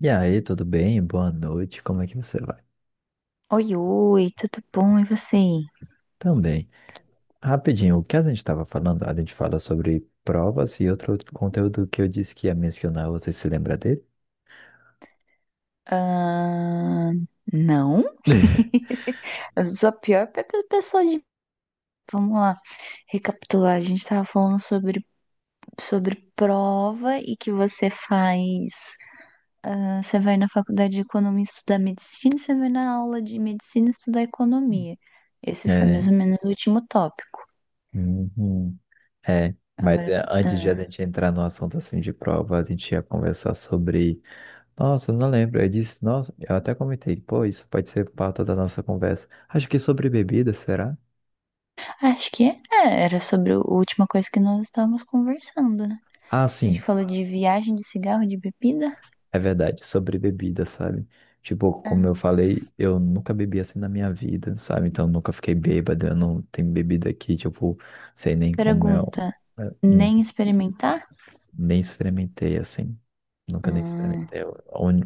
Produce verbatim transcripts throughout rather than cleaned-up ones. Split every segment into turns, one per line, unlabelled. E aí, tudo bem? Boa noite, como é que você vai?
Oi, oi, tudo bom? E você?
Também. Rapidinho, o que a gente estava falando? A gente fala sobre provas e outro conteúdo que eu disse que ia mencionar, você se lembra dele?
Ah, não? Eu sou a pior pe- pe- pessoa de. Vamos lá, recapitular. A gente tava falando sobre, sobre prova e que você faz. ah, Você vai na faculdade de economia estudar medicina, e você vai na aula de medicina estudar economia. Esse foi mais
É,
ou menos o último tópico.
uhum, é. Mas
Agora,
é, antes de a
ah,
gente entrar no assunto assim de prova, a gente ia conversar sobre. Nossa, eu não lembro. Eu disse, nossa, eu até comentei, pô, isso pode ser pauta da nossa conversa. Acho que sobre bebida, será?
acho que é, é, era sobre a última coisa que nós estávamos conversando, né?
Ah,
A gente
sim.
falou de viagem de cigarro, de bebida.
É verdade, sobre bebida, sabe? Tipo, como eu
Ah,
falei, eu nunca bebi assim na minha vida, sabe? Então eu nunca fiquei bêbado, eu não tenho bebida aqui, tipo, sei nem como é, um-
Pergunta,
é, um-
nem experimentar?
nem experimentei assim. Nunca nem
Hum,
experimentei. Eu-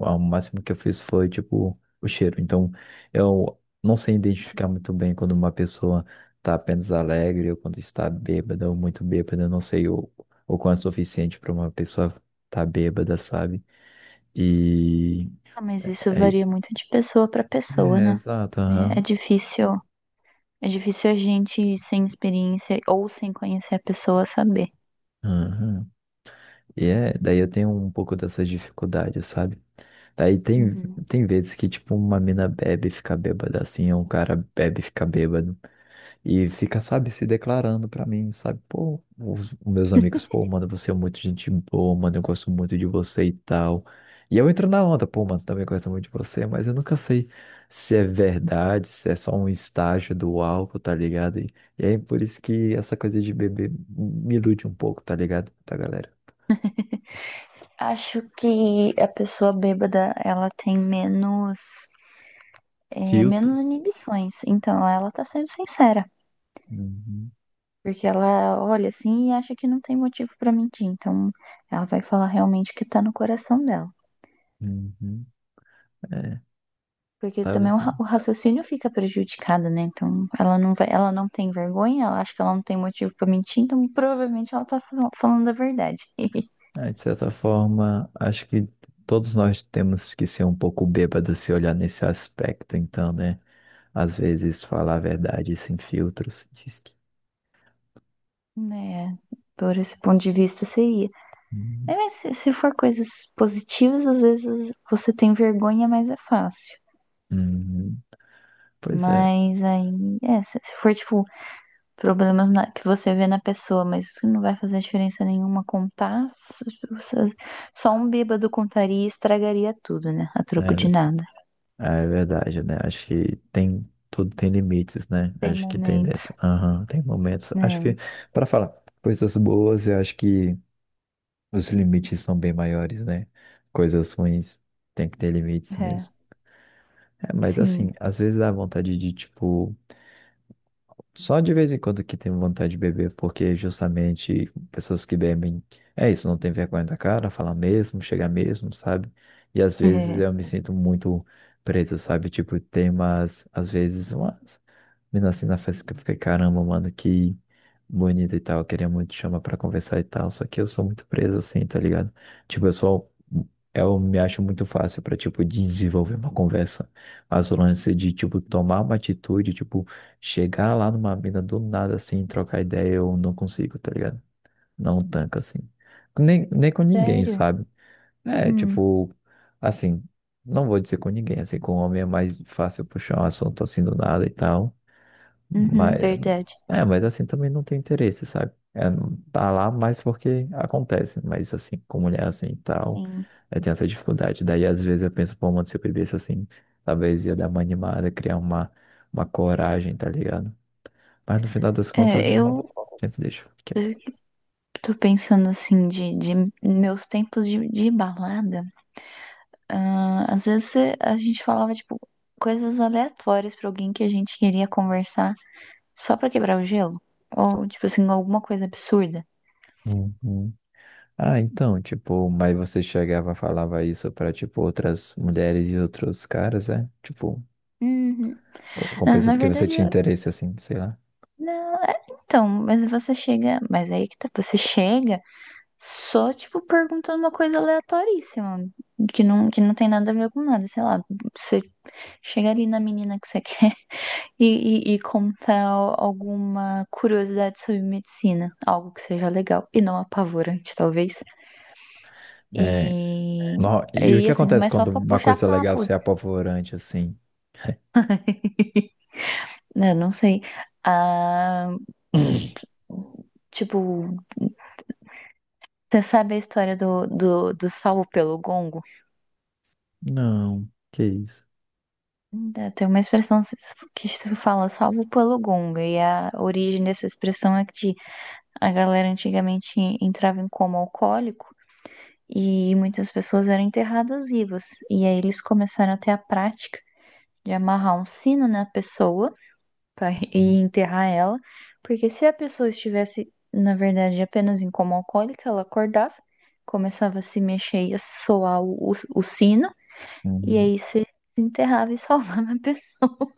a O máximo que eu fiz foi, tipo, o cheiro. Então eu não sei identificar muito bem quando uma pessoa tá apenas alegre ou quando está bêbada ou muito bêbada. Eu não sei o, o quanto é suficiente para uma pessoa estar tá bêbada, sabe? E.
ah, mas isso
É
varia
isso.
muito de pessoa para pessoa,
É,
né?
exato,
É é
aham.
difícil, é difícil a gente sem experiência ou sem conhecer a pessoa saber.
Aham. E é, daí eu tenho um pouco dessas dificuldades, sabe? Daí tem,
Uhum.
Tem vezes que, tipo, uma mina bebe e fica bêbada, assim, ou um cara bebe e fica bêbado. E fica, sabe, se declarando pra mim, sabe? Pô, os os meus amigos, pô, mano, você é muito gente boa, mano, eu gosto muito de você e tal. E eu entro na onda, pô, mano, também gosto muito de você, mas eu nunca sei se é verdade, se é só um estágio do álcool, tá ligado? E, e aí por isso que essa coisa de beber me ilude um pouco, tá ligado? Tá, galera?
Acho que a pessoa bêbada, ela tem menos, é, menos
Filtros.
inibições. Então, ela tá sendo sincera.
Uhum,
Porque ela olha assim e acha que não tem motivo pra mentir. Então, ela vai falar realmente o que tá no coração dela.
uhum, é,
Porque também o
talvez.
ra- o raciocínio fica prejudicado, né? Então, ela não vai, ela não tem vergonha, ela acha que ela não tem motivo pra mentir, então provavelmente ela tá fal- falando a verdade.
É, de certa forma, acho que todos nós temos que ser um pouco bêbados se olhar nesse aspecto, então, né? Às vezes falar a verdade sem filtros. Diz que...
Né, por esse ponto de vista seria.
Hum,
É, mas se, se for coisas positivas, às vezes você tem vergonha, mas é fácil.
hum, pois é,
Mas aí, é, se, se for tipo problemas na- que você vê na pessoa, mas que não vai fazer diferença nenhuma contar, s- s- só um bêbado contaria e estragaria tudo, né? A troco de
é,
nada.
é verdade, né? Acho que tem tudo tem limites, né?
Tem
Acho que tem
momentos,
dessa. Aham, tem momentos. Acho
né?
que para falar coisas boas, eu acho que os limites são bem maiores, né? Coisas ruins tem que ter limites
É,
mesmo. É, mas assim,
sim.
às vezes dá vontade de, tipo, só de vez em quando que tenho vontade de beber, porque justamente pessoas que bebem, é isso, não tem vergonha da cara, falar mesmo, chegar mesmo, sabe? E às vezes
É.
eu me sinto muito preso, sabe? Tipo, tem umas, às vezes, uma menina, assim, na festa que eu fiquei, caramba, mano, que bonito e tal. Eu queria muito chamar pra conversar e tal. Só que eu sou muito preso, assim, tá ligado? Tipo, eu sou. Eu me acho muito fácil pra, tipo, desenvolver uma conversa. Mas o lance de, tipo, tomar uma atitude, tipo, chegar lá numa mina do nada, assim, trocar ideia, eu não consigo, tá ligado? Não tanca, assim. Nem, nem com ninguém,
Sério?
sabe? É,
Hum,
tipo, assim, não vou dizer com ninguém, assim, com um homem é mais fácil puxar um assunto assim do nada e tal.
uhum,
Mas,
verdade.
é, mas assim também não tem interesse, sabe? É, não tá lá mais porque acontece, mas assim, com mulher assim e tal,
Sim.
é, tem essa dificuldade. Daí às vezes eu penso, pô, mano, se eu bebesse assim, talvez ia dar uma animada, criar uma, uma coragem, tá ligado? Mas no final das
É,
contas, eu
eu
sempre deixo quieto.
eu tô pensando assim, de, de meus tempos de, de balada. Ah, às vezes cê- a gente falava, tipo, coisas aleatórias pra alguém que a gente queria conversar só pra quebrar o gelo. Ou, tipo assim, alguma coisa absurda.
Uhum. Ah, então, tipo, mas você chegava e falava isso pra, tipo, outras mulheres e outros caras, é? Tipo,
Uhum.
com, com
Ah, Na
pessoas que você
verdade,
tinha
eu-
interesse, assim, sei lá.
não, é, então, mas você chega. Mas aí que tá, você chega. Só, tipo, perguntando uma coisa aleatoríssima, que não, que não tem nada a ver com nada, sei lá. Você chega ali na menina que você quer e, e, e contar al- alguma curiosidade sobre medicina, algo que seja legal e não apavorante, talvez. E,
É, Nó- e o
e
que
assim,
acontece
mas só
quando
pra
uma
puxar
coisa legal
papo,
se é apavorante assim?
né? Não sei. Ah, tipo, você sabe a história do, do, do salvo pelo gongo?
Não, que isso.
Ainda tem uma expressão se- que se fala salvo pelo gongo, e a origem dessa expressão é que a galera antigamente entrava em coma alcoólico e muitas pessoas eram enterradas vivas. E aí eles começaram a ter a prática de amarrar um sino na pessoa para e enterrar ela, porque se a pessoa estivesse, na verdade, apenas em coma alcoólico, ela acordava, começava a se mexer e a soar o, o, o sino, e
Uhum.
aí se enterrava e salvava a pessoa.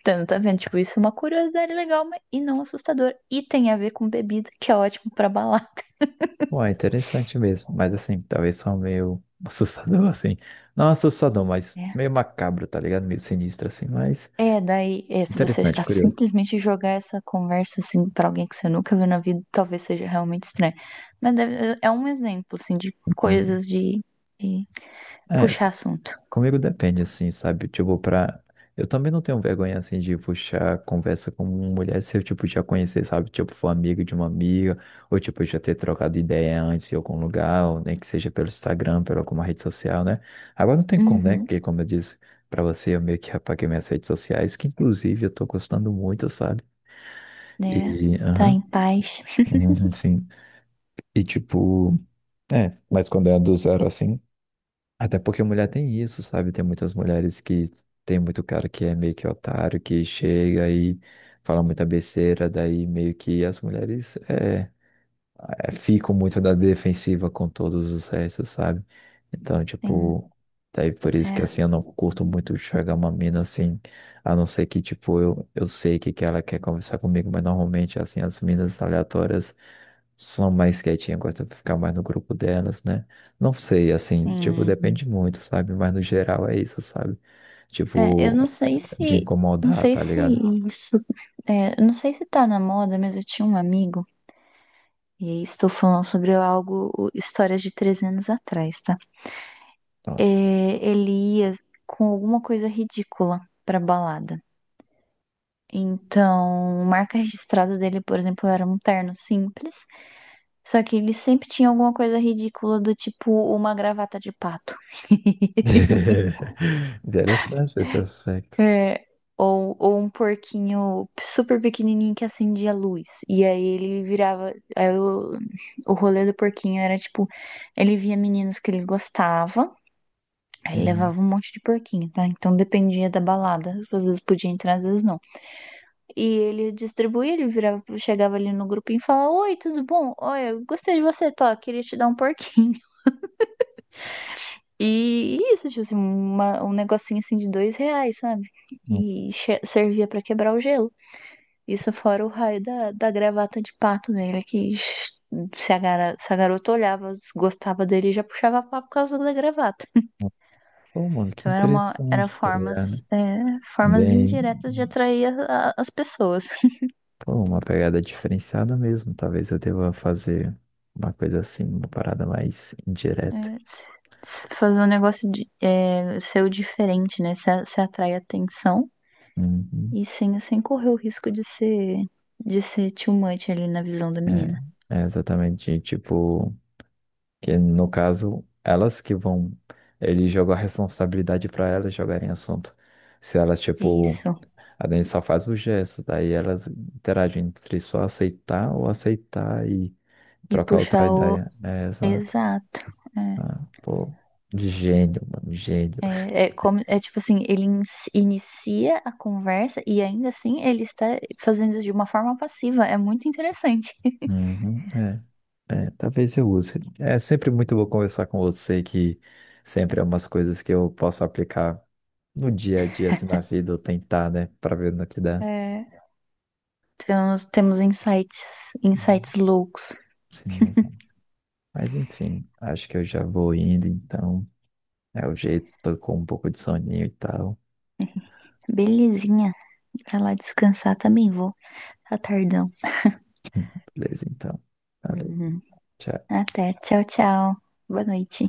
Então, tá vendo? Tipo, isso é uma curiosidade legal mas e não assustador. E tem a ver com bebida, que é ótimo pra balar.
Ué, interessante mesmo, mas assim, talvez só meio assustador assim. Não assustador, mas meio
Né?
macabro, tá ligado? Meio sinistro assim, mas
É, daí, é, se você
interessante,
a-
curioso.
simplesmente jogar essa conversa assim pra alguém que você nunca viu na vida, talvez seja realmente estranho. Mas deve- é é um exemplo, assim, de
Uhum.
coisas de, de
É,
puxar assunto.
comigo depende, assim, sabe? Tipo, pra. Eu também não tenho vergonha, assim, de puxar conversa com uma mulher se eu, tipo, já conhecer, sabe? Tipo, for amigo de uma amiga, ou, tipo, já ter trocado ideia antes em algum lugar, ou nem que seja pelo Instagram, pela alguma rede social, né? Agora não tem como, né?
Uhum,
Porque, como eu disse pra você, eu meio que apaguei minhas redes sociais, que, inclusive, eu tô gostando muito, sabe?
né?
E,
Tá
aham,
em paz.
uhum, sim. E, tipo, é, mas quando é do zero, assim. Até porque mulher tem isso, sabe? Tem muitas mulheres que tem muito cara que é meio que otário, que chega e fala muita besteira, daí meio que as mulheres. É, é, fico muito na defensiva com todos os restos, sabe? Então,
Sim,
tipo, daí por isso que assim
é,
eu não curto muito chegar uma mina assim, a não ser que, tipo, eu, eu sei que, que ela quer conversar comigo, mas normalmente, assim, as minas aleatórias são mais quietinhas, gostam de ficar mais no grupo delas, né? Não sei, assim, tipo,
sim.
depende muito, sabe? Mas no geral é isso, sabe?
É, eu
Tipo,
não sei
de
se, não
incomodar,
sei
tá
se
ligado?
isso, é, eu não sei se tá na moda, mas eu tinha um amigo, e aí estou falando sobre algo, histórias de trezentos anos atrás, tá? É,
Nossa.
ele ia com alguma coisa ridícula pra balada. Então, marca registrada dele, por exemplo, era um terno simples. Só que ele sempre tinha alguma coisa ridícula do tipo uma gravata de pato.
Interessante esse aspecto.
É, ou, ou um porquinho super pequenininho que acendia a luz. E aí ele virava. Aí o, o rolê do porquinho era tipo: ele via meninos que ele gostava, aí ele
Uhum.
levava um monte de porquinho, tá? Então dependia da balada. Às vezes podia entrar, às vezes não. E ele distribuía, ele virava, chegava ali no grupinho e falava: Oi, tudo bom? Olha, eu gostei de você, tô, queria te dar um porquinho. E isso, tipo assim, uma- um negocinho assim de dois reais, sabe? E che- servia pra quebrar o gelo. Isso fora o raio da, da gravata de pato dele, que se a, gara- se a garota olhava, gostava dele, já puxava papo por causa da gravata.
Pô, mano, que
Então era uma, era
interessante, tá
formas,
ligado?
é, formas
Bem,
indiretas de atrair a- a- as pessoas.
pô, uma pegada diferenciada mesmo. Talvez eu deva fazer uma coisa assim, uma parada mais
É,
indireta.
se- se fazer um negócio de, é, seu diferente, né? Você você atrai atenção
Uhum.
e sem, sem correr o risco de ser, de ser too much ali na visão da menina.
É, é exatamente, tipo, que no caso, elas que vão, ele jogou a responsabilidade para elas jogarem assunto. Se elas,
É
tipo,
isso.
a gente só faz o gesto, daí elas interagem entre só aceitar ou aceitar e
E
trocar outra
puxar o.
ideia. É, exato.
Exato.
Ah, pô, de gênio, mano, gênio.
É, é, é, como, é tipo assim, ele in- inicia a conversa e ainda assim ele está fazendo isso de uma forma passiva. É muito interessante.
Uhum, é, é, talvez eu use. É sempre muito bom conversar com você, que sempre é umas coisas que eu posso aplicar no dia a dia, assim, na vida, ou tentar, né, pra ver no que dá.
É, temos, temos insights,
Uhum,
insights loucos.
sim, exato. Mas enfim, acho que eu já vou indo, então. É o jeito, tô com um pouco de soninho e tal.
Belezinha. Pra lá descansar também vou. Retardão.
Beleza, então. Valeu,
Uhum.
tchau.
Até. Tchau, tchau. Boa noite.